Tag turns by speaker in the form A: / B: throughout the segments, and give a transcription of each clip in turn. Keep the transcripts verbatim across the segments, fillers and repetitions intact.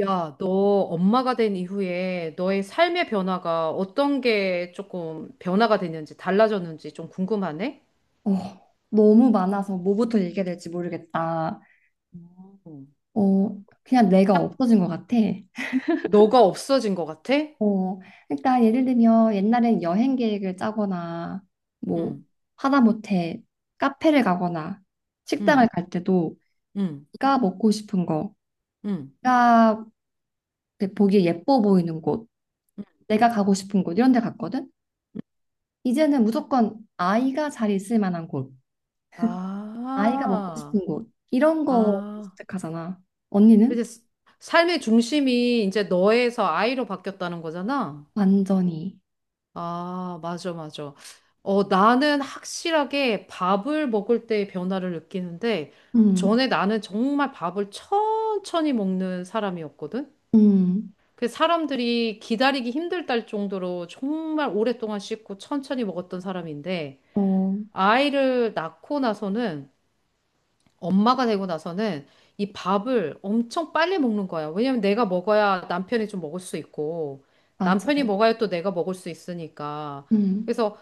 A: 야, 너 엄마가 된 이후에 너의 삶의 변화가 어떤 게 조금 변화가 됐는지 달라졌는지 좀 궁금하네?
B: 어, 너무 많아서 뭐부터 얘기해야 될지 모르겠다.
A: 음.
B: 어, 그냥 내가
A: 딱
B: 없어진 것 같아.
A: 너가 없어진 것 같아?
B: 어, 그러니까 예를 들면 옛날엔 여행 계획을 짜거나 뭐
A: 응,
B: 하다못해 카페를 가거나
A: 응,
B: 식당을 갈 때도
A: 응,
B: 내가 먹고 싶은 거,
A: 응.
B: 내가 그 보기에 예뻐 보이는 곳,
A: 응.
B: 내가 가고 싶은 곳 이런 데 갔거든. 이제는 무조건 아이가 잘 있을 만한 곳, 아이가 먹고
A: 아,
B: 싶은 곳 이런 거
A: 아.
B: 선택하잖아.
A: 이제
B: 언니는?
A: 삶의 중심이 이제 너에서 아이로 바뀌었다는 거잖아?
B: 완전히.
A: 아, 맞아, 맞아. 어, 나는 확실하게 밥을 먹을 때 변화를 느끼는데,
B: 음.
A: 전에 나는 정말 밥을 천천히 먹는 사람이었거든?
B: 음,
A: 그 사람들이 기다리기 힘들다 정도로 정말 오랫동안 씹고 천천히 먹었던 사람인데,
B: 어,
A: 아이를 낳고 나서는, 엄마가 되고 나서는 이 밥을 엄청 빨리 먹는 거야. 왜냐면 내가 먹어야 남편이 좀 먹을 수 있고,
B: 맞아.
A: 남편이 먹어야 또 내가 먹을 수 있으니까.
B: 음,
A: 그래서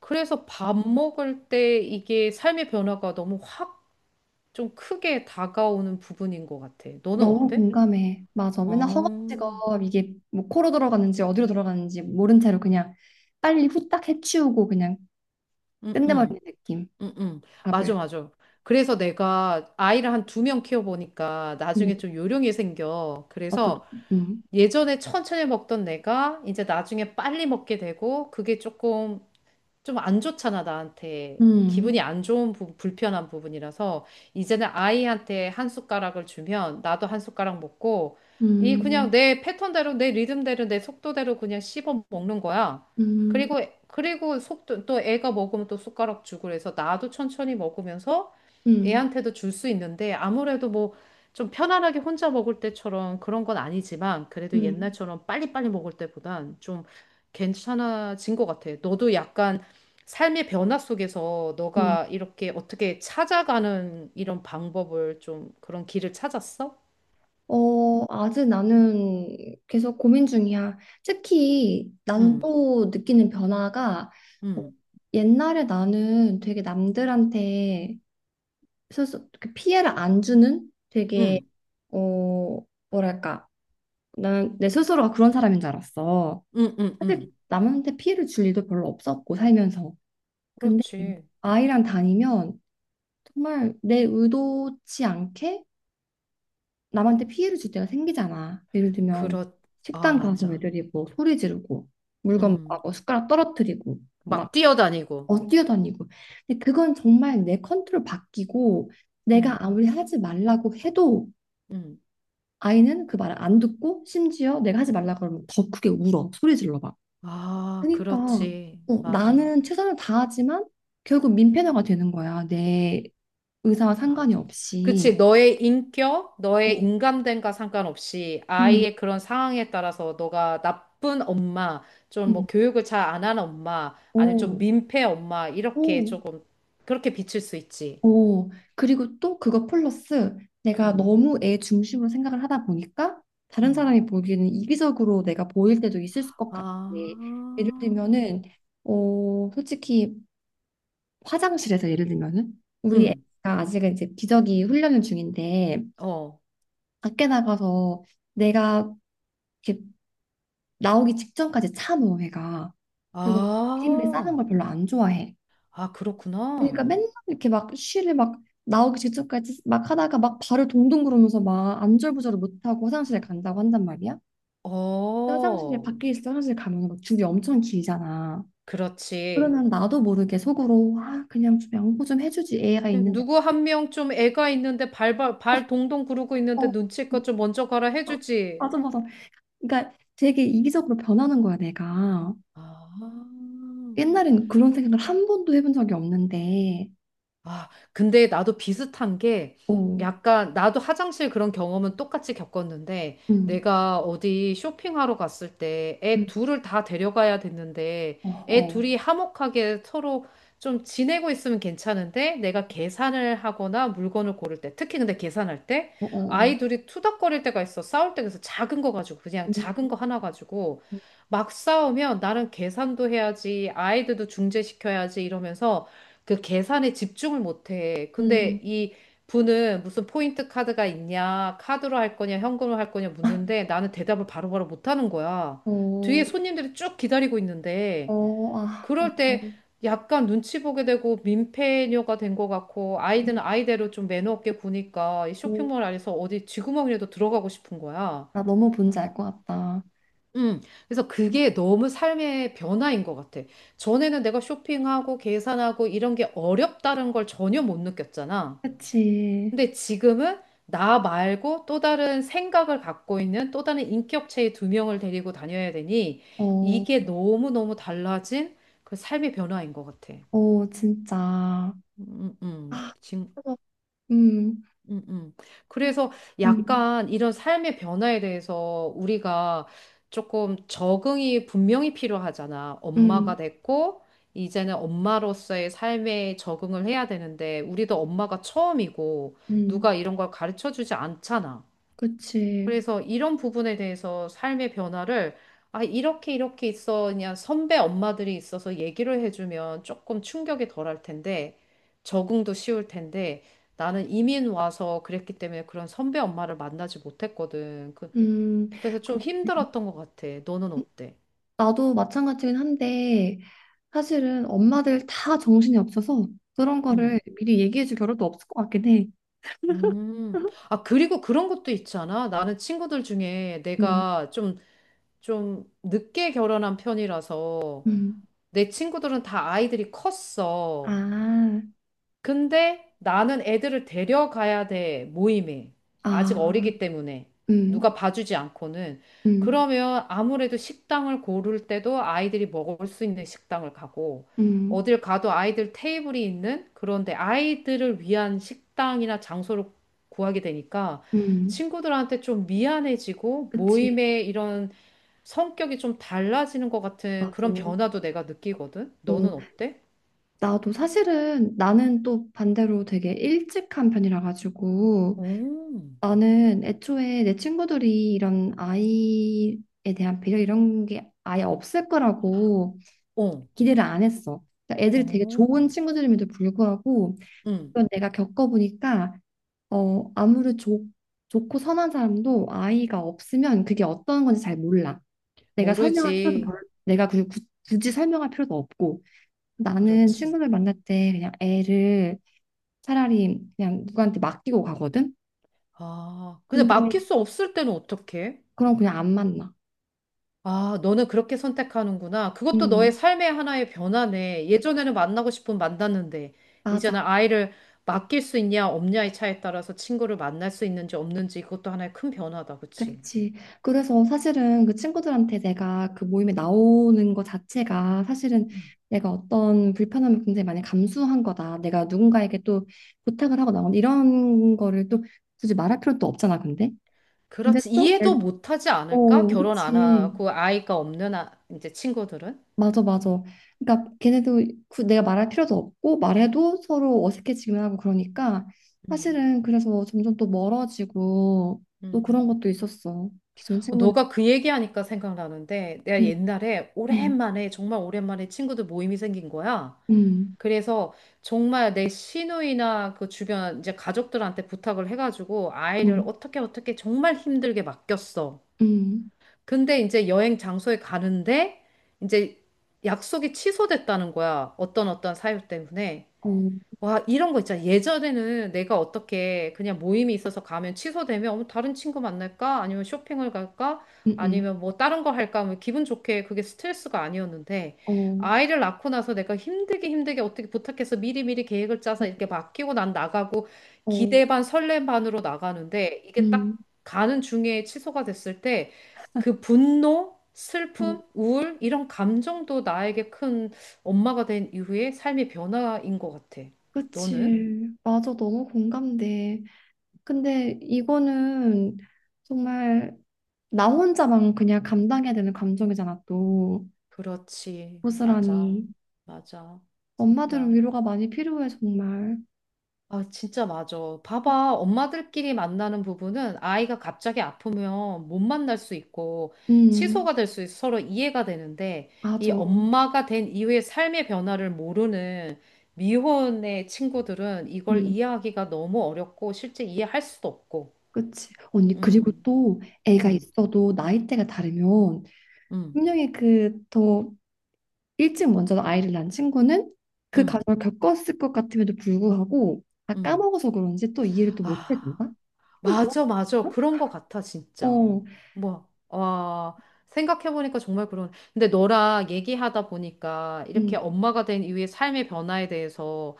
A: 그래서 밥 먹을 때 이게 삶의 변화가 너무 확 좀 크게 다가오는 부분인 것 같아. 너는
B: 너무
A: 어때?
B: 공감해. 맞아.
A: 어,
B: 맨날
A: 응,
B: 허겁지겁 이게 뭐 코로 들어가는지 어디로 들어가는지 모른 채로 그냥 빨리 후딱 해치우고 그냥
A: 응,
B: 끝내버리는
A: 응,
B: 느낌.
A: 응. 맞아,
B: 밥을.
A: 맞아. 그래서 내가 아이를 한 두 명 키워보니까
B: 음,
A: 나중에 좀 요령이 생겨.
B: 어떻게?
A: 그래서
B: 음,
A: 예전에 천천히 먹던 내가 이제 나중에 빨리 먹게 되고 그게 조금 좀 안 좋잖아, 나한테.
B: 음,
A: 기분이 안 좋은 부분, 불편한 부분이라서 이제는 아이한테 한 숟가락을 주면 나도 한 숟가락 먹고 이 그냥
B: 음,
A: 내 패턴대로 내 리듬대로 내 속도대로 그냥 씹어 먹는 거야.
B: 음,
A: 그리고 그리고 속도 또 애가 먹으면 또 숟가락 주고 그래서 나도 천천히 먹으면서
B: 음,
A: 애한테도 줄 수 있는데 아무래도 뭐 좀 편안하게 혼자 먹을 때처럼 그런 건 아니지만 그래도
B: 음,
A: 옛날처럼 빨리빨리 먹을 때보단 좀 괜찮아진 것 같아. 너도 약간 삶의 변화 속에서
B: 음.
A: 너가 이렇게 어떻게 찾아가는 이런 방법을 좀 그런 길을 찾았어?
B: 어, 아직 나는 계속 고민 중이야. 특히 나는
A: 응,
B: 또 느끼는 변화가 어,
A: 응,
B: 옛날에 나는 되게 남들한테 스스 그 피해를 안 주는 되게
A: 응,
B: 어 뭐랄까, 나는 내 스스로가 그런 사람인 줄 알았어.
A: 응, 응,
B: 사실
A: 응.
B: 남한테 피해를 줄 일도 별로 없었고 살면서. 근데
A: 그렇지.
B: 아이랑 다니면 정말 내 의도치 않게 남한테 피해를 줄 때가 생기잖아. 예를 들면
A: 그렇, 아,
B: 식당 가서
A: 맞아.
B: 애들이 뭐 소리 지르고 물건
A: 음,
B: 막 뭐 숟가락 떨어뜨리고 막
A: 막 뛰어다니고.
B: 뛰어다니고. 근데 그건 정말 내 컨트롤 바뀌고 내가
A: 음,
B: 아무리 하지 말라고 해도
A: 음.
B: 아이는 그 말을 안 듣고, 심지어 내가 하지 말라 그러면 더 크게 울어. 소리 질러 봐.
A: 아,
B: 그러니까
A: 그렇지.
B: 어,
A: 맞아.
B: 나는 최선을 다하지만 결국 민폐너가 되는 거야. 내 의사와 상관이
A: 맞아.
B: 없이.
A: 그치, 너의 인격, 너의
B: 어,
A: 인감됨과 상관없이
B: 음,
A: 아이의 그런 상황에 따라서 너가 나쁜 엄마, 좀 뭐
B: 음,
A: 교육을 잘 안 하는 엄마, 아니면 좀
B: 오,
A: 민폐 엄마, 이렇게
B: 오,
A: 조금, 그렇게 비칠 수 있지.
B: 오. 그리고 또 그거 플러스 내가
A: 음,
B: 너무 애 중심으로 생각을 하다 보니까 다른
A: 음.
B: 사람이 보기에는 이기적으로 내가 보일 때도 있을 것 같아.
A: 아,
B: 예를 들면은 어, 솔직히 화장실에서 예를 들면은, 우리
A: 음,
B: 애가 아직은 이제 기저귀 훈련 중인데
A: 어.
B: 밖에 나가서 내가 이렇게 나오기 직전까지 참어, 애가. 그리고 이름을 싸는
A: 아,
B: 걸 별로 안 좋아해.
A: 아,
B: 그러니까
A: 그렇구나.
B: 맨날 이렇게 막 쉬를 막 나오기 직전까지 막 하다가 막 발을 동동 구르면서 막 안절부절을 못하고 화장실에 간다고 한단 말이야. 근데 화장실에
A: 어,
B: 밖에 있어. 화장실 가면 막 줄이 엄청 길잖아.
A: 그렇지.
B: 그러면 나도 모르게 속으로, 아 그냥 좀 양보 좀 해주지 애가 있는데.
A: 누구 한 명 좀 애가 있는데 발발 발 동동 구르고 있는데
B: 어 음,
A: 눈치껏 좀 먼저 가라 해주지.
B: 맞아, 맞아. 그러니까 되게 이기적으로 변하는 거야, 내가.
A: 아,
B: 옛날엔 그런 생각을 한 번도 해본 적이 없는데.
A: 아, 근데 나도 비슷한 게
B: 어,
A: 약간 나도 화장실 그런 경험은 똑같이 겪었는데
B: 음,
A: 내가 어디 쇼핑하러 갔을 때
B: 음,
A: 애 둘을 다 데려가야 됐는데
B: 어,
A: 애
B: 어,
A: 둘이 화목하게 서로 좀 지내고 있으면 괜찮은데 내가 계산을 하거나 물건을 고를 때 특히 근데 계산할 때
B: 어, 어, 어,
A: 아이 둘이 투닥거릴 때가 있어 싸울 때 그래서 작은 거 가지고 그냥 작은
B: 음,
A: 거 하나 가지고 막 싸우면 나는 계산도 해야지 아이들도 중재시켜야지 이러면서 그 계산에 집중을 못해. 근데
B: 음,
A: 이 분은 무슨 포인트 카드가 있냐, 카드로 할 거냐, 현금으로 할 거냐 묻는데 나는 대답을 바로바로 못하는 거야. 뒤에
B: 어,
A: 손님들이 쭉 기다리고 있는데
B: 어, 아, 맞아.
A: 그럴 때 약간 눈치 보게 되고 민폐녀가 된 것 같고 아이들은
B: 음,
A: 아이대로 좀 매너 없게 구니까 이
B: 음.
A: 쇼핑몰 안에서 어디 쥐구멍이라도 들어가고 싶은 거야.
B: 나 너무 뭔지 알 것 같다.
A: 음, 그래서 그게 너무 삶의 변화인 것 같아. 전에는 내가 쇼핑하고 계산하고 이런 게 어렵다는 걸 전혀 못 느꼈잖아.
B: 그치.
A: 근데 지금은 나 말고 또 다른 생각을 갖고 있는 또 다른 인격체의 두 명을 데리고 다녀야 되니
B: 어,
A: 이게 너무너무 달라진 그 삶의 변화인 것 같아.
B: 어, 진짜.
A: 음, 음.
B: 아,
A: 지금
B: 그래서, 음,
A: 음, 음.
B: 이-
A: 그래서
B: 음,
A: 약간 이런 삶의 변화에 대해서 우리가 조금 적응이 분명히 필요하잖아.
B: 음,
A: 엄마가 됐고, 이제는 엄마로서의 삶에 적응을 해야 되는데, 우리도 엄마가 처음이고,
B: 음,
A: 누가 이런 걸 가르쳐 주지 않잖아.
B: 그치.
A: 그래서 이런 부분에 대해서 삶의 변화를 아, 이렇게 이렇게 있어. 그냥 선배 엄마들이 있어서 얘기를 해주면 조금 충격이 덜할 텐데 적응도 쉬울 텐데 나는 이민 와서 그랬기 때문에 그런 선배 엄마를 만나지 못했거든. 그,
B: 음,
A: 그래서 좀
B: 그럼
A: 힘들었던 것 같아. 너는 어때?
B: 나도 마찬가지긴 한데, 사실은 엄마들 다 정신이 없어서 그런
A: 음.
B: 거를 미리 얘기해 줄 겨를도 없을 것 같긴 해.
A: 음. 아, 그리고 그런 것도 있잖아. 나는 친구들 중에
B: 음,
A: 내가 좀, 좀 늦게 결혼한 편이라서
B: 음.
A: 내 친구들은 다 아이들이 컸어.
B: 아,
A: 근데 나는 애들을 데려가야 돼, 모임에. 아직
B: 아,
A: 어리기 때문에.
B: 음,
A: 누가 봐주지 않고는.
B: 음,
A: 그러면 아무래도 식당을 고를 때도 아이들이 먹을 수 있는 식당을 가고,
B: 음,
A: 어딜 가도 아이들 테이블이 있는 그런데 아이들을 위한 식당이나 장소를 구하게 되니까
B: 음.
A: 친구들한테 좀 미안해지고
B: 그치.
A: 모임의 이런 성격이 좀 달라지는 것 같은
B: 맞아.
A: 그런
B: 어,
A: 변화도 내가 느끼거든. 너는 어때?
B: 나도 사실은 나는 또 반대로 되게 일찍 한 편이라 가지고
A: 오,
B: 나는 애초에 내 친구들이 이런 아이에 대한 배려 이런 게 아예 없을 거라고
A: 어,
B: 기대를 안 했어. 그러니까 애들이 되게
A: 어.
B: 좋은 친구들임에도 불구하고,
A: 응,
B: 그건 내가 겪어보니까 어, 아무리 좋, 좋고 선한 사람도 아이가 없으면 그게 어떤 건지 잘 몰라. 내가
A: 모르지.
B: 설명할 필요도 별로, 내가 그 구- 굳이 설명할 필요도 없고. 나는
A: 그렇지.
B: 친구들 만날 때 그냥 애를 차라리 그냥 누구한테 맡기고 가거든.
A: 아, 근데
B: 근데
A: 맡길 수 없을 때는 어떡해?
B: 그럼 그냥 안 만나.
A: 아, 너는 그렇게 선택하는구나. 그것도 너의
B: 음,
A: 삶의 하나의 변화네. 예전에는 만나고 싶으면 만났는데, 이제는
B: 맞아.
A: 아이를 맡길 수 있냐, 없냐의 차에 따라서 친구를 만날 수 있는지 없는지 그것도 하나의 큰 변화다. 그치?
B: 그치. 그래서 사실은 그 친구들한테 내가 그 모임에 나오는 것 자체가 사실은 내가 어떤 불편함을 굉장히 많이 감수한 거다. 내가 누군가에게 또 부탁을 하고 나온 이런 거를 또 굳이 말할 필요도 없잖아, 근데. 근데
A: 그렇지.
B: 또,
A: 이해도
B: 애-
A: 못하지 않을까?
B: 어,
A: 결혼 안
B: 그치.
A: 하고 아이가 없는 아, 이제 친구들은?
B: 맞아, 맞아. 그러니까 걔네도 구- 내가 말할 필요도 없고, 말해도 서로 어색해지기만 하고, 그러니까
A: 음,
B: 사실은 그래서 점점 또 멀어지고 또
A: 음.
B: 그런 것도 있었어. 기존 친구들.
A: 너가 그 얘기하니까 생각나는데 내가
B: 음,
A: 옛날에
B: 음,
A: 오랜만에 정말 오랜만에 친구들 모임이 생긴 거야.
B: 음.
A: 그래서 정말 내 시누이나 그 주변 이제 가족들한테 부탁을 해가지고 아이를
B: 음,
A: 어떻게 어떻게 정말 힘들게 맡겼어.
B: 음,
A: 근데 이제 여행 장소에 가는데 이제 약속이 취소됐다는 거야. 어떤 어떤 사유 때문에.
B: 어, 음,
A: 와, 이런 거 있잖아. 예전에는 내가 어떻게 그냥 모임이 있어서 가면 취소되면 어머, 다른 친구 만날까? 아니면 쇼핑을 갈까?
B: 음,
A: 아니면 뭐 다른 거 할까? 뭐 기분 좋게 그게 스트레스가 아니었는데
B: 어,
A: 아이를 낳고 나서 내가 힘들게 힘들게 어떻게 부탁해서 미리미리 계획을 짜서
B: 어,
A: 이렇게 맡기고 난 나가고
B: 어,
A: 기대 반 설렘 반으로 나가는데 이게 딱
B: 음,
A: 가는 중에 취소가 됐을 때 그 분노,
B: 어,
A: 슬픔, 우울 이런 감정도 나에게 큰 엄마가 된 이후에 삶의 변화인 것 같아. 너는?
B: 그치. 맞아, 너무 공감돼. 근데 이거는 정말 나 혼자만 그냥 감당해야 되는 감정이잖아, 또.
A: 그렇지. 맞아.
B: 고스란히.
A: 맞아.
B: 엄마들은
A: 진짜.
B: 위로가 많이 필요해, 정말.
A: 아, 진짜 맞아. 봐봐. 엄마들끼리 만나는 부분은 아이가 갑자기 아프면 못 만날 수 있고
B: 음,
A: 취소가 될 수 있어 서로 이해가 되는데 이
B: 맞아.
A: 엄마가 된 이후의 삶의 변화를 모르는 미혼의 친구들은 이걸
B: 음,
A: 이해하기가 너무 어렵고 실제 이해할 수도 없고.
B: 그치. 언니, 그리고
A: 음.
B: 또 애가
A: 음.
B: 있어도 나이대가 다르면
A: 음.
B: 분명히 그더 일찍 먼저 아이를 낳은 친구는 그
A: 음.
B: 과정을 겪었을 것 같음에도 불구하고 다
A: 음.
B: 까먹어서 그런지 또 이해를 또
A: 아.
B: 못해준다? 좀 그런
A: 맞아, 맞아.
B: 거?
A: 그런 거 같아, 진짜.
B: 어,
A: 뭐, 와, 생각해보니까 정말 그런. 근데 너랑 얘기하다 보니까 이렇게
B: 음,
A: 엄마가 된 이후의 삶의 변화에 대해서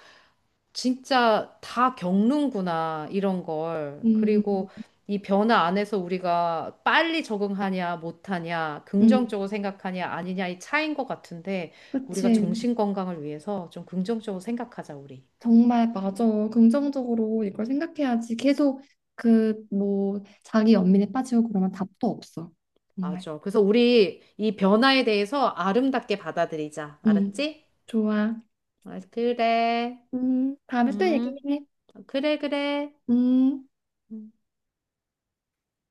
A: 진짜 다 겪는구나, 이런 걸.
B: 음,
A: 그리고 이 변화 안에서 우리가 빨리 적응하냐, 못하냐,
B: 음,
A: 긍정적으로 생각하냐, 아니냐, 이 차이인 것 같은데, 우리가
B: 그치.
A: 정신 건강을 위해서 좀 긍정적으로 생각하자, 우리.
B: 정말 맞아. 긍정적으로 이걸 생각해야지. 계속 그 뭐 자기 연민에 빠지고 그러면 답도 없어. 정말.
A: 맞아. 그래서 우리 이 변화에 대해서 아름답게 받아들이자.
B: 음,
A: 알았지?
B: 좋아.
A: 아, 그래.
B: 음, 다음에 또
A: 음,
B: 얘기해.
A: 아, 그래, 그래.
B: 음.
A: 음.